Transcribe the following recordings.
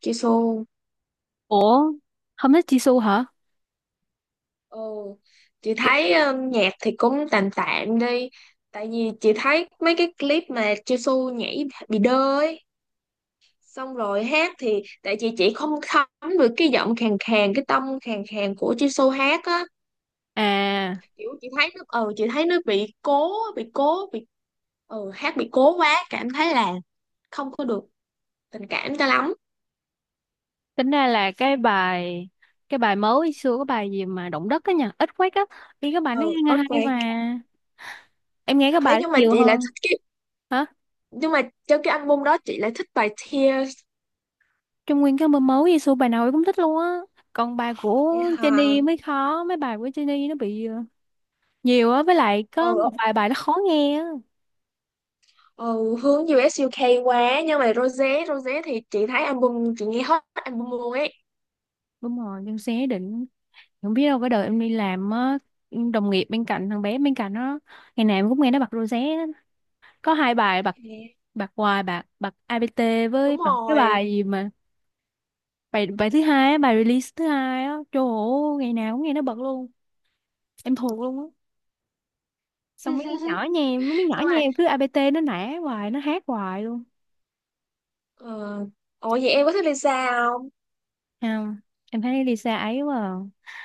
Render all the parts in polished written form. Chị Xu Ủa, không thích Jisoo hả? ừ. Chị Kì- thấy nhạc thì cũng tạm tạm đi. Tại vì chị thấy mấy cái clip mà Jisoo nhảy bị đơ ấy. Xong rồi hát thì tại vì chị không thấm được cái giọng khàn khàn, cái tông khàn khàn của Jisoo hát á. À, Kiểu chị thấy nó chị thấy nó bị cố, hát bị cố quá. Cảm thấy là không có được tình cảm cho lắm. tính ra là cái bài mới xưa cái bài gì mà động đất á nha, ít quét á, đi cái bài nó Ừ, nghe hay Earthquake. mà. Em nghe cái Ấy bài đó nhưng mà nhiều chị lại hơn. thích cái, Hả? nhưng mà trong cái album đó chị lại thích bài Tears. Trong nguyên cái album mới Jisoo bài nào em cũng thích luôn á. Còn bài của Vậy hả? Jennie mới khó, mấy bài của Jennie nó bị nhiều á, với lại có một Ừ. vài bài nó khó nghe á. Ừ, hướng US UK quá nhưng mà Rosé Rosé thì chị thấy album, chị nghe hết album luôn ấy. Đúng rồi, nhưng sẽ định không biết đâu cái đời em đi làm á, đồng nghiệp bên cạnh thằng bé bên cạnh nó ngày nào em cũng nghe nó bật rosé có hai bài bạc Thế bạc hoài bạc bạc APT đúng với cái rồi. bài gì mà bài bài thứ hai á, bài release thứ hai á trời ơi ngày nào cũng nghe nó bật luôn em thuộc luôn á xong mấy đứa nhỏ nhà em mấy đứa nhỏ Nhưng nhà mà em cứ APT nó nã hoài nó hát hoài luôn. uh, ủa vậy em có thích Lisa không? Không, em thấy Lisa ấy quá à.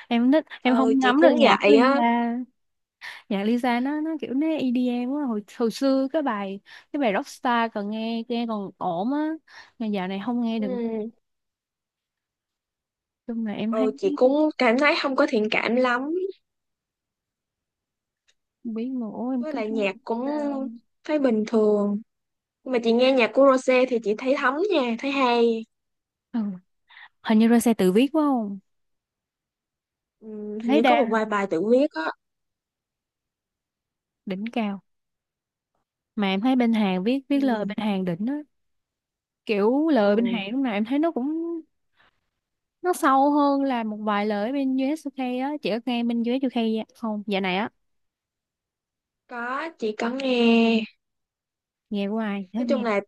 Em thích em Ừ không chị ngắm được cũng nhạc của vậy á. Lisa, nhạc Lisa nó kiểu nó EDM quá, hồi hồi xưa cái bài Rockstar còn nghe nghe còn ổn á, mà dạo này không nghe được. Ừ, Chung là em ừ thấy chị cũng cảm thấy không có thiện cảm lắm. không biết mà, ôi em Với cứ lại thấy là nhạc cũng sao. thấy bình thường. Nhưng mà chị nghe nhạc của Rosé thì chị thấy thấm nha, thấy hay. Ừ. Hình như ra xe tự viết quá không, Ừ, em hình thấy như có đa một vài bài tự viết á. đỉnh cao. Mà em thấy bên Hàn viết viết lời Ừ, bên Hàn đỉnh á, kiểu lời bên Hàn ừ lúc nào em thấy nó cũng nó sâu hơn là một vài lời bên US UK á. Chị có nghe bên US UK không dạo này á, có chị có nghe. nghe của ai hết Nói nghe. chung là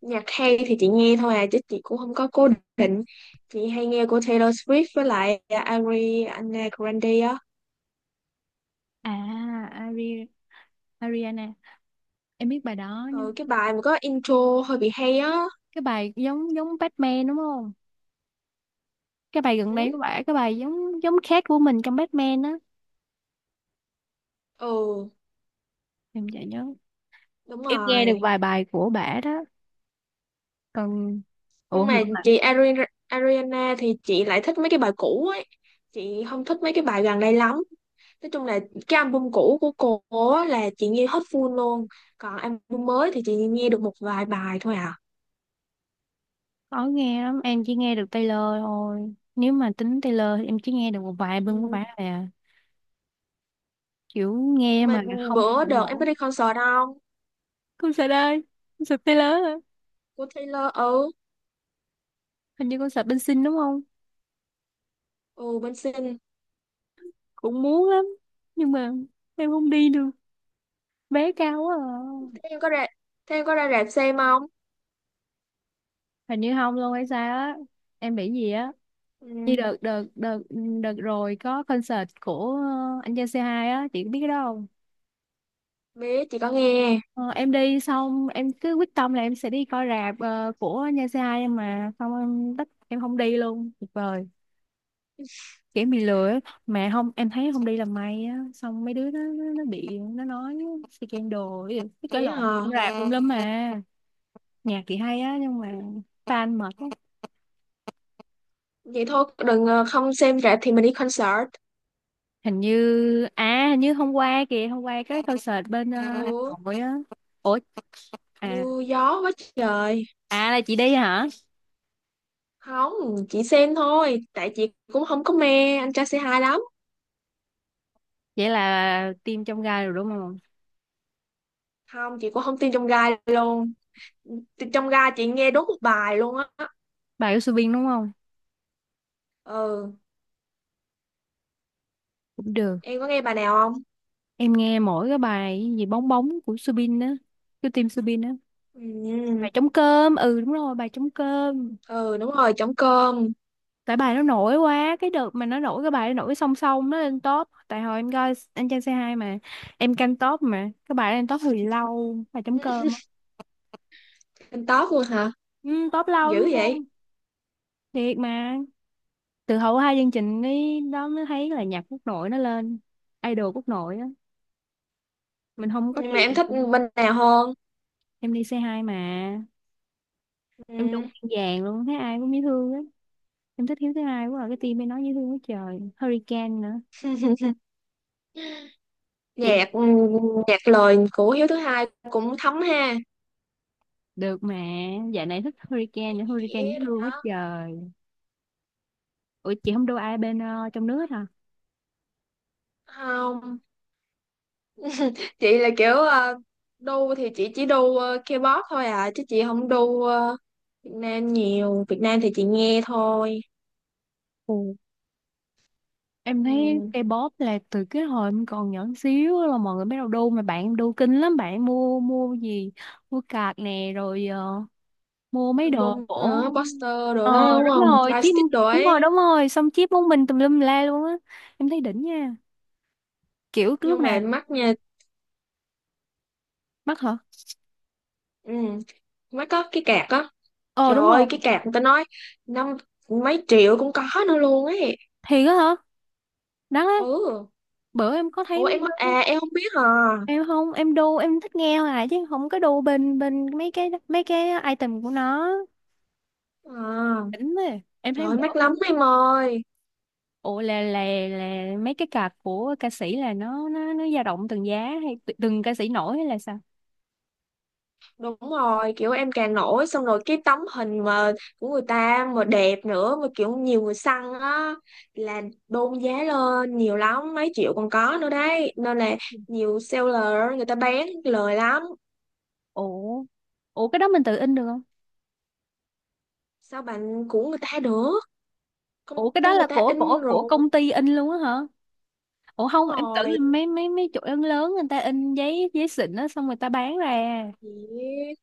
nhạc hay thì chị nghe thôi à, chứ chị cũng không có cố định. Chị hay nghe của Taylor Swift với lại Ariana Grande á. À, Ari, Ariana, em biết bài đó Ừ, nhưng cái bài mà có intro hơi bị hay á. cái bài giống giống Batman đúng không, cái bài gần Ừ, đây của bả cái bài giống giống khác của mình trong Batman á, ừ, em chả nhớ. đúng Em nghe được rồi. vài bài của bả đó. Còn ủa Nhưng người mà của bạn chị Ariana thì chị lại thích mấy cái bài cũ ấy. Chị không thích mấy cái bài gần đây lắm. Nói chung là cái album cũ của cô á là chị nghe hết full luôn. Còn album mới thì chị nghe được một vài bài thôi à. khó nghe lắm, em chỉ nghe được Taylor thôi, nếu mà tính Taylor thì em chỉ nghe được một vài album của Ừ. bả thôi à, kiểu nghe Mà mà không bữa hiểu đợt em nổi. có đi concert không? Concert ơi, concert Taylor à. Của Taylor ừ. Hình như concert bên Sing đúng không. Ừ, bên sinh. Cũng muốn lắm nhưng mà em không đi được, vé cao quá Thế à. em có ra, thế em có ra rạp xem không? Hình như không luôn hay sao á, em bị gì á, như Ừ, đợt đợt rồi có concert của anh Gia c hai á, chị có biết cái đó không. biết, chị có nghe. Ờ, em đi xong em cứ quyết tâm là em sẽ đi coi rạp của Nha Sai em, mà xong em tất em không đi luôn tuyệt vời, kiểu bị lừa ấy. Mà không em thấy không đi là may á, xong mấy đứa nó bị nó nói scandal cái gì, cái Vậy lộn hả? rạp tùm lum mà. Nhạc thì hay á nhưng mà fan mệt. Vậy thôi, đừng không xem rạp thì mình đi concert. Hình như hình như hôm qua kìa, hôm qua cái concert bên Hà Ừ, Nội á. Ủa, à, mưa gió quá trời. à là chị đi hả. Không, chị xem thôi. Tại chị cũng không có mê anh trai c hai lắm. Vậy là team trong gai rồi đúng không. Không, chị cũng không tin trong gai luôn. Trong gai chị nghe đúng một bài luôn á. Bà của Subin đúng không, Ừ, cũng được. em có nghe bài nào không? Em nghe mỗi cái bài gì bóng bóng của Subin á, của team Subin á, Ừ, bài trống cơm, ừ đúng rồi bài trống cơm. ừ đúng rồi, trống cơm. Tại bài nó nổi quá, cái đợt mà nó nổi cái bài nó nổi song song nó lên top, tại hồi em coi anh Trai C2 mà em canh top mà cái bài nó lên top hồi lâu bài trống cơm á. Anh top luôn hả? Ừ, top lâu Dữ lắm vậy. luôn, thiệt mà. Từ hậu hai chương trình ấy đó mới thấy là nhạc quốc nội nó lên, idol quốc nội á, mình không có Nhưng mà em tiền. thích bên nào hơn? Em đi C2 mà, em Ừ. đúng vàng luôn, thấy ai cũng dễ thương á. Em thích Hiếu thứ hai quá à, cái team mới nói dễ thương quá trời Hurricane nữa. Chị Nhạc nhạc lời của Hiếu thứ hai cũng thấm ha. được mà, dạo này thích Hurricane nữa, Chị Hurricane dễ rồi thương quá đó. trời. Ủa chị không đu ai bên trong nước hả. Không, chị là kiểu đu thì chị chỉ đu K-pop thôi à chứ chị không đu Việt Nam nhiều. Việt Nam thì chị nghe thôi. Ừ. Em thấy Ừ. K-pop là từ cái hồi em còn nhỏ xíu là mọi người bắt đầu đu, mà bạn em đu kinh lắm, bạn em mua mua gì, mua card nè rồi mua mấy đồ Album của nữa, poster đồ đó ờ đúng đúng không? rồi chip, Lightstick đồ đúng ấy. rồi đúng rồi xong chip món mình tùm lum la luôn á, em thấy đỉnh nha, kiểu cái lúc Nhưng nào. mà mắt nha, Mắc hả, ừ. Mắt có cái cạc á. ờ Trời đúng rồi, ơi, cái cạc người ta nói năm mấy triệu cũng có nữa luôn ấy. thiệt á hả, đắt á. Ừ. Bữa em có thấy Ủa mấy em đứa, à em không biết hả? em không em đu, em thích nghe hoài chứ không có đu bên bên mấy cái item của nó À, đỉnh ấy. Em trời thấy ơi, bữa mắc lắm bên, em ơi. ủa là mấy cái card của ca sĩ là nó dao động từng giá hay từng ca sĩ nổi hay là sao. Đúng rồi, kiểu em càng nổi xong rồi cái tấm hình mà của người ta mà đẹp nữa mà kiểu nhiều người săn á là đôn giá lên nhiều lắm, mấy triệu còn có nữa đấy. Nên là nhiều seller người ta bán lời lắm. Ủa, ủa cái đó mình tự in được không. Sao bạn của người ta được? Công Ủa cái đó ty người là ta của in của của rồi. công ty in luôn á hả. Ủa không Đúng em tưởng rồi. là mấy mấy mấy chỗ lớn lớn người ta in giấy giấy xịn á xong người ta bán ra. Dễ.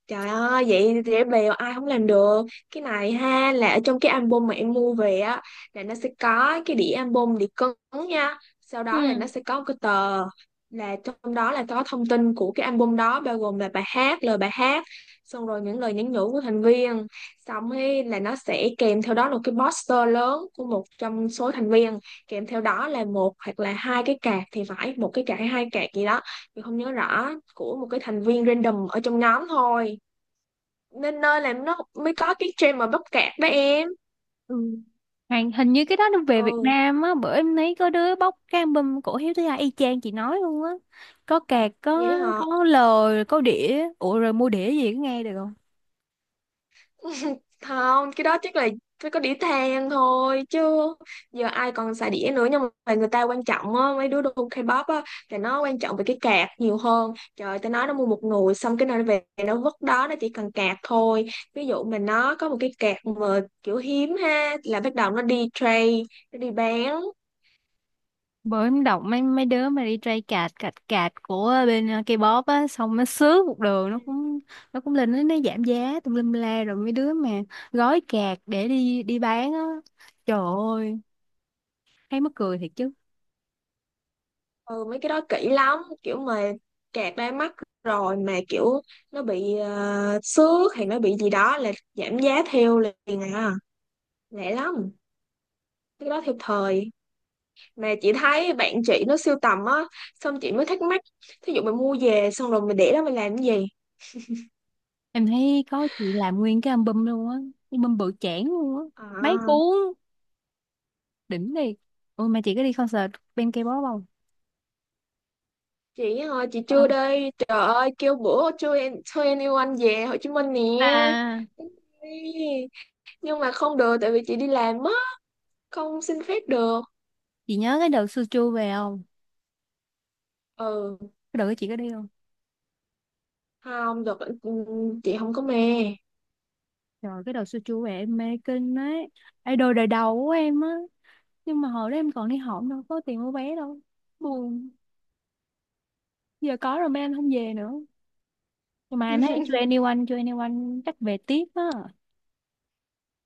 Trời ơi, vậy dễ bèo ai không làm được. Cái này ha là ở trong cái album mà em mua về á là nó sẽ có cái đĩa album, đĩa cứng nha. Sau đó là nó Ừ. sẽ có một cái tờ là trong đó là có thông tin của cái album đó bao gồm là bài hát, lời bài hát, xong rồi những lời nhắn nhủ của thành viên. Xong ấy là nó sẽ kèm theo đó là cái poster lớn của một trong số thành viên, kèm theo đó là một hoặc là hai cái card thì phải, một cái card hay hai card gì đó mình không nhớ rõ của một cái thành viên random ở trong nhóm thôi, nên nơi làm nó mới có cái trend mà bắp cạp đó em. Ừ. Hàng hình như cái đó nó về Việt Ừ Nam á, bữa em thấy có đứa bóc cái album cổ Hiếu Thứ Hai y chang chị nói luôn á. Có cạc, vậy có họ có lời, có đĩa. Ủa rồi mua đĩa gì có nghe được không? không cái đó chắc là phải có đĩa than thôi chứ giờ ai còn xài đĩa nữa. Nhưng mà người ta quan trọng á, mấy đứa đồ K-pop á là nó quan trọng về cái cạc nhiều hơn. Trời tao nói nó mua một nồi xong cái nơi về nó vứt đó, nó chỉ cần cạc thôi. Ví dụ mà nó có một cái cạc mà kiểu hiếm ha là bắt đầu nó đi trade, nó đi bán. Bữa em đọc mấy mấy đứa mà đi trai cạt cạt cạt của bên K-pop á, xong nó sướng một đường nó cũng lên nó giảm giá tùm lum la, rồi mấy đứa mà gói cạt để đi đi bán á. Trời ơi, thấy mắc cười thiệt chứ. Ừ mấy cái đó kỹ lắm, kiểu mà kẹt đai mắt rồi mà kiểu nó bị xước hay nó bị gì đó là giảm giá theo liền à, lẹ lắm. Cái đó theo thời mà chị thấy bạn chị nó sưu tầm á, xong chị mới thắc mắc thí dụ mình mua về xong rồi mình để đó mình làm cái gì. Em thấy có chị làm nguyên cái album luôn á, cái album bự chảng luôn á, mấy À cuốn, đỉnh đi. Ôi mà chị có đi concert bên K-pop không? chị ơi chị Ờ. chưa đây trời ơi, kêu bữa chưa, em thuê anyone về Hồ Chí Minh nè. À, Đi. Nhưng mà không được tại vì chị đi làm á, không xin phép được. chị nhớ cái đợt Suchu về không? Ừ Cái đợt đó chị có đi không? không được. Ừ, ừ, chị không có mê. Trời, cái đợt Suchu về em mê kinh ấy. Idol đời đầu của em á. Nhưng mà hồi đó em còn đi học đâu có tiền mua vé đâu. Buồn. Giờ có rồi mà em không về nữa. Nhưng mà em thấy 2NE1, 2NE1 chắc về tiếp á.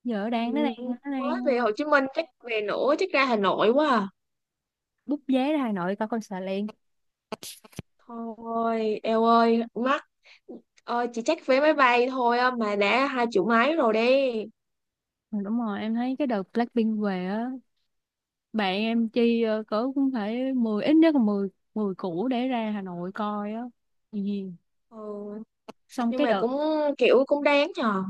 Giờ Ừ, đang nó đang nó mới đang về Hồ Chí Minh chắc về nữa, chắc ra Hà Nội quá à. book vé ra Hà Nội coi concert liền. Thôi eo ơi mắc, chị chắc vé máy bay thôi á, mà đã hai triệu mấy rồi đi. Ừ, đúng rồi, em thấy cái đợt Blackpink về á, bạn em chi cỡ cũng phải mười, ít nhất là 10 10 củ để ra Hà Nội coi á. Ừ, Ừ, xong nhưng cái mà đợt, cũng kiểu cũng đáng nhờ.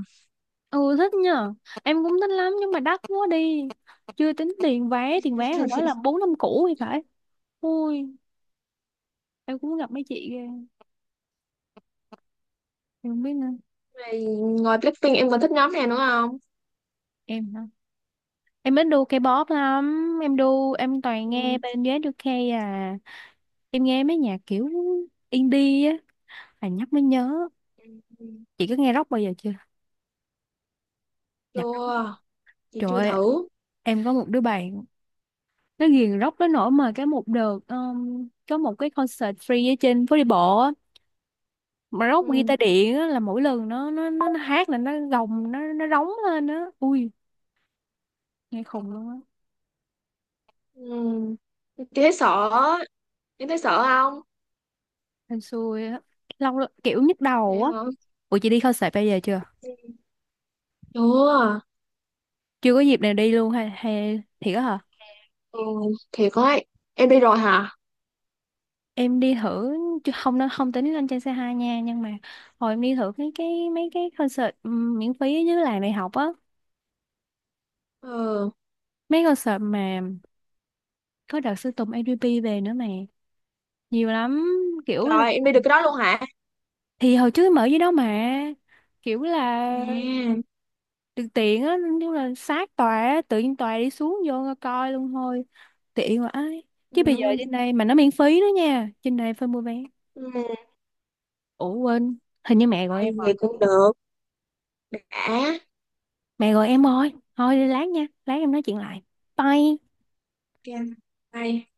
ừ thích nha, em cũng thích lắm nhưng mà đắt quá đi. Chưa tính tiền vé hồi đó là 4 5 củ thì phải. Ui, em cũng gặp mấy chị ghê, em không biết nữa. Rồi ngoài Blackpink em còn thích nhóm nào nữa không? Em hả? Em ít đu K-pop lắm, em đu, em toàn nghe Ừ. bên US à. Em nghe mấy nhạc kiểu indie á, à nhắc mới nhớ. Ừ. Chị có nghe rock bao giờ chưa? Nhạc. Chưa, chị Trời chưa ơi, thử. em có một đứa bạn nó ghiền rock tới nỗi mà cái một đợt có một cái concert free ở trên phố đi bộ á, mà rock Ừ. guitar điện á là mỗi lần nó hát là nó gồng nó rống lên á, ui nghe khùng luôn á. Ừ. Chị thấy sợ, em thấy sợ không? Em xui á, lâu lắm, kiểu nhức đầu Vậy á. hả? Ủa chị đi concert bây giờ chưa, Chưa. chưa có dịp nào đi luôn hay hay thiệt á hả. Ừ, thiệt ấy. Em đi rồi hả? Em đi thử chứ không nó không tính lên trên xe hai nha, nhưng mà hồi em đi thử cái mấy cái concert miễn phí ở dưới làng đại học á, Ừ, mấy concert mà có đợt Sơn Tùng ADP về nữa mà nhiều lắm kiểu là, trời, em đi được cái đó luôn hả? thì hồi trước mở dưới đó mà kiểu là À, được tiện á, nhưng là sát tòa á, tự nhiên tòa đi xuống vô ngồi coi luôn thôi, tiện quá ấy. Chứ bây giờ ừ, trên đây mà nó miễn phí nữa nha, trên đây phải mua vé. ừ, Ủa quên, hình như mẹ gọi ai, em rồi, vậy cũng được. Đã, mẹ gọi em rồi thôi đi lát nha, lát em nói chuyện lại. Bye. ok, bye.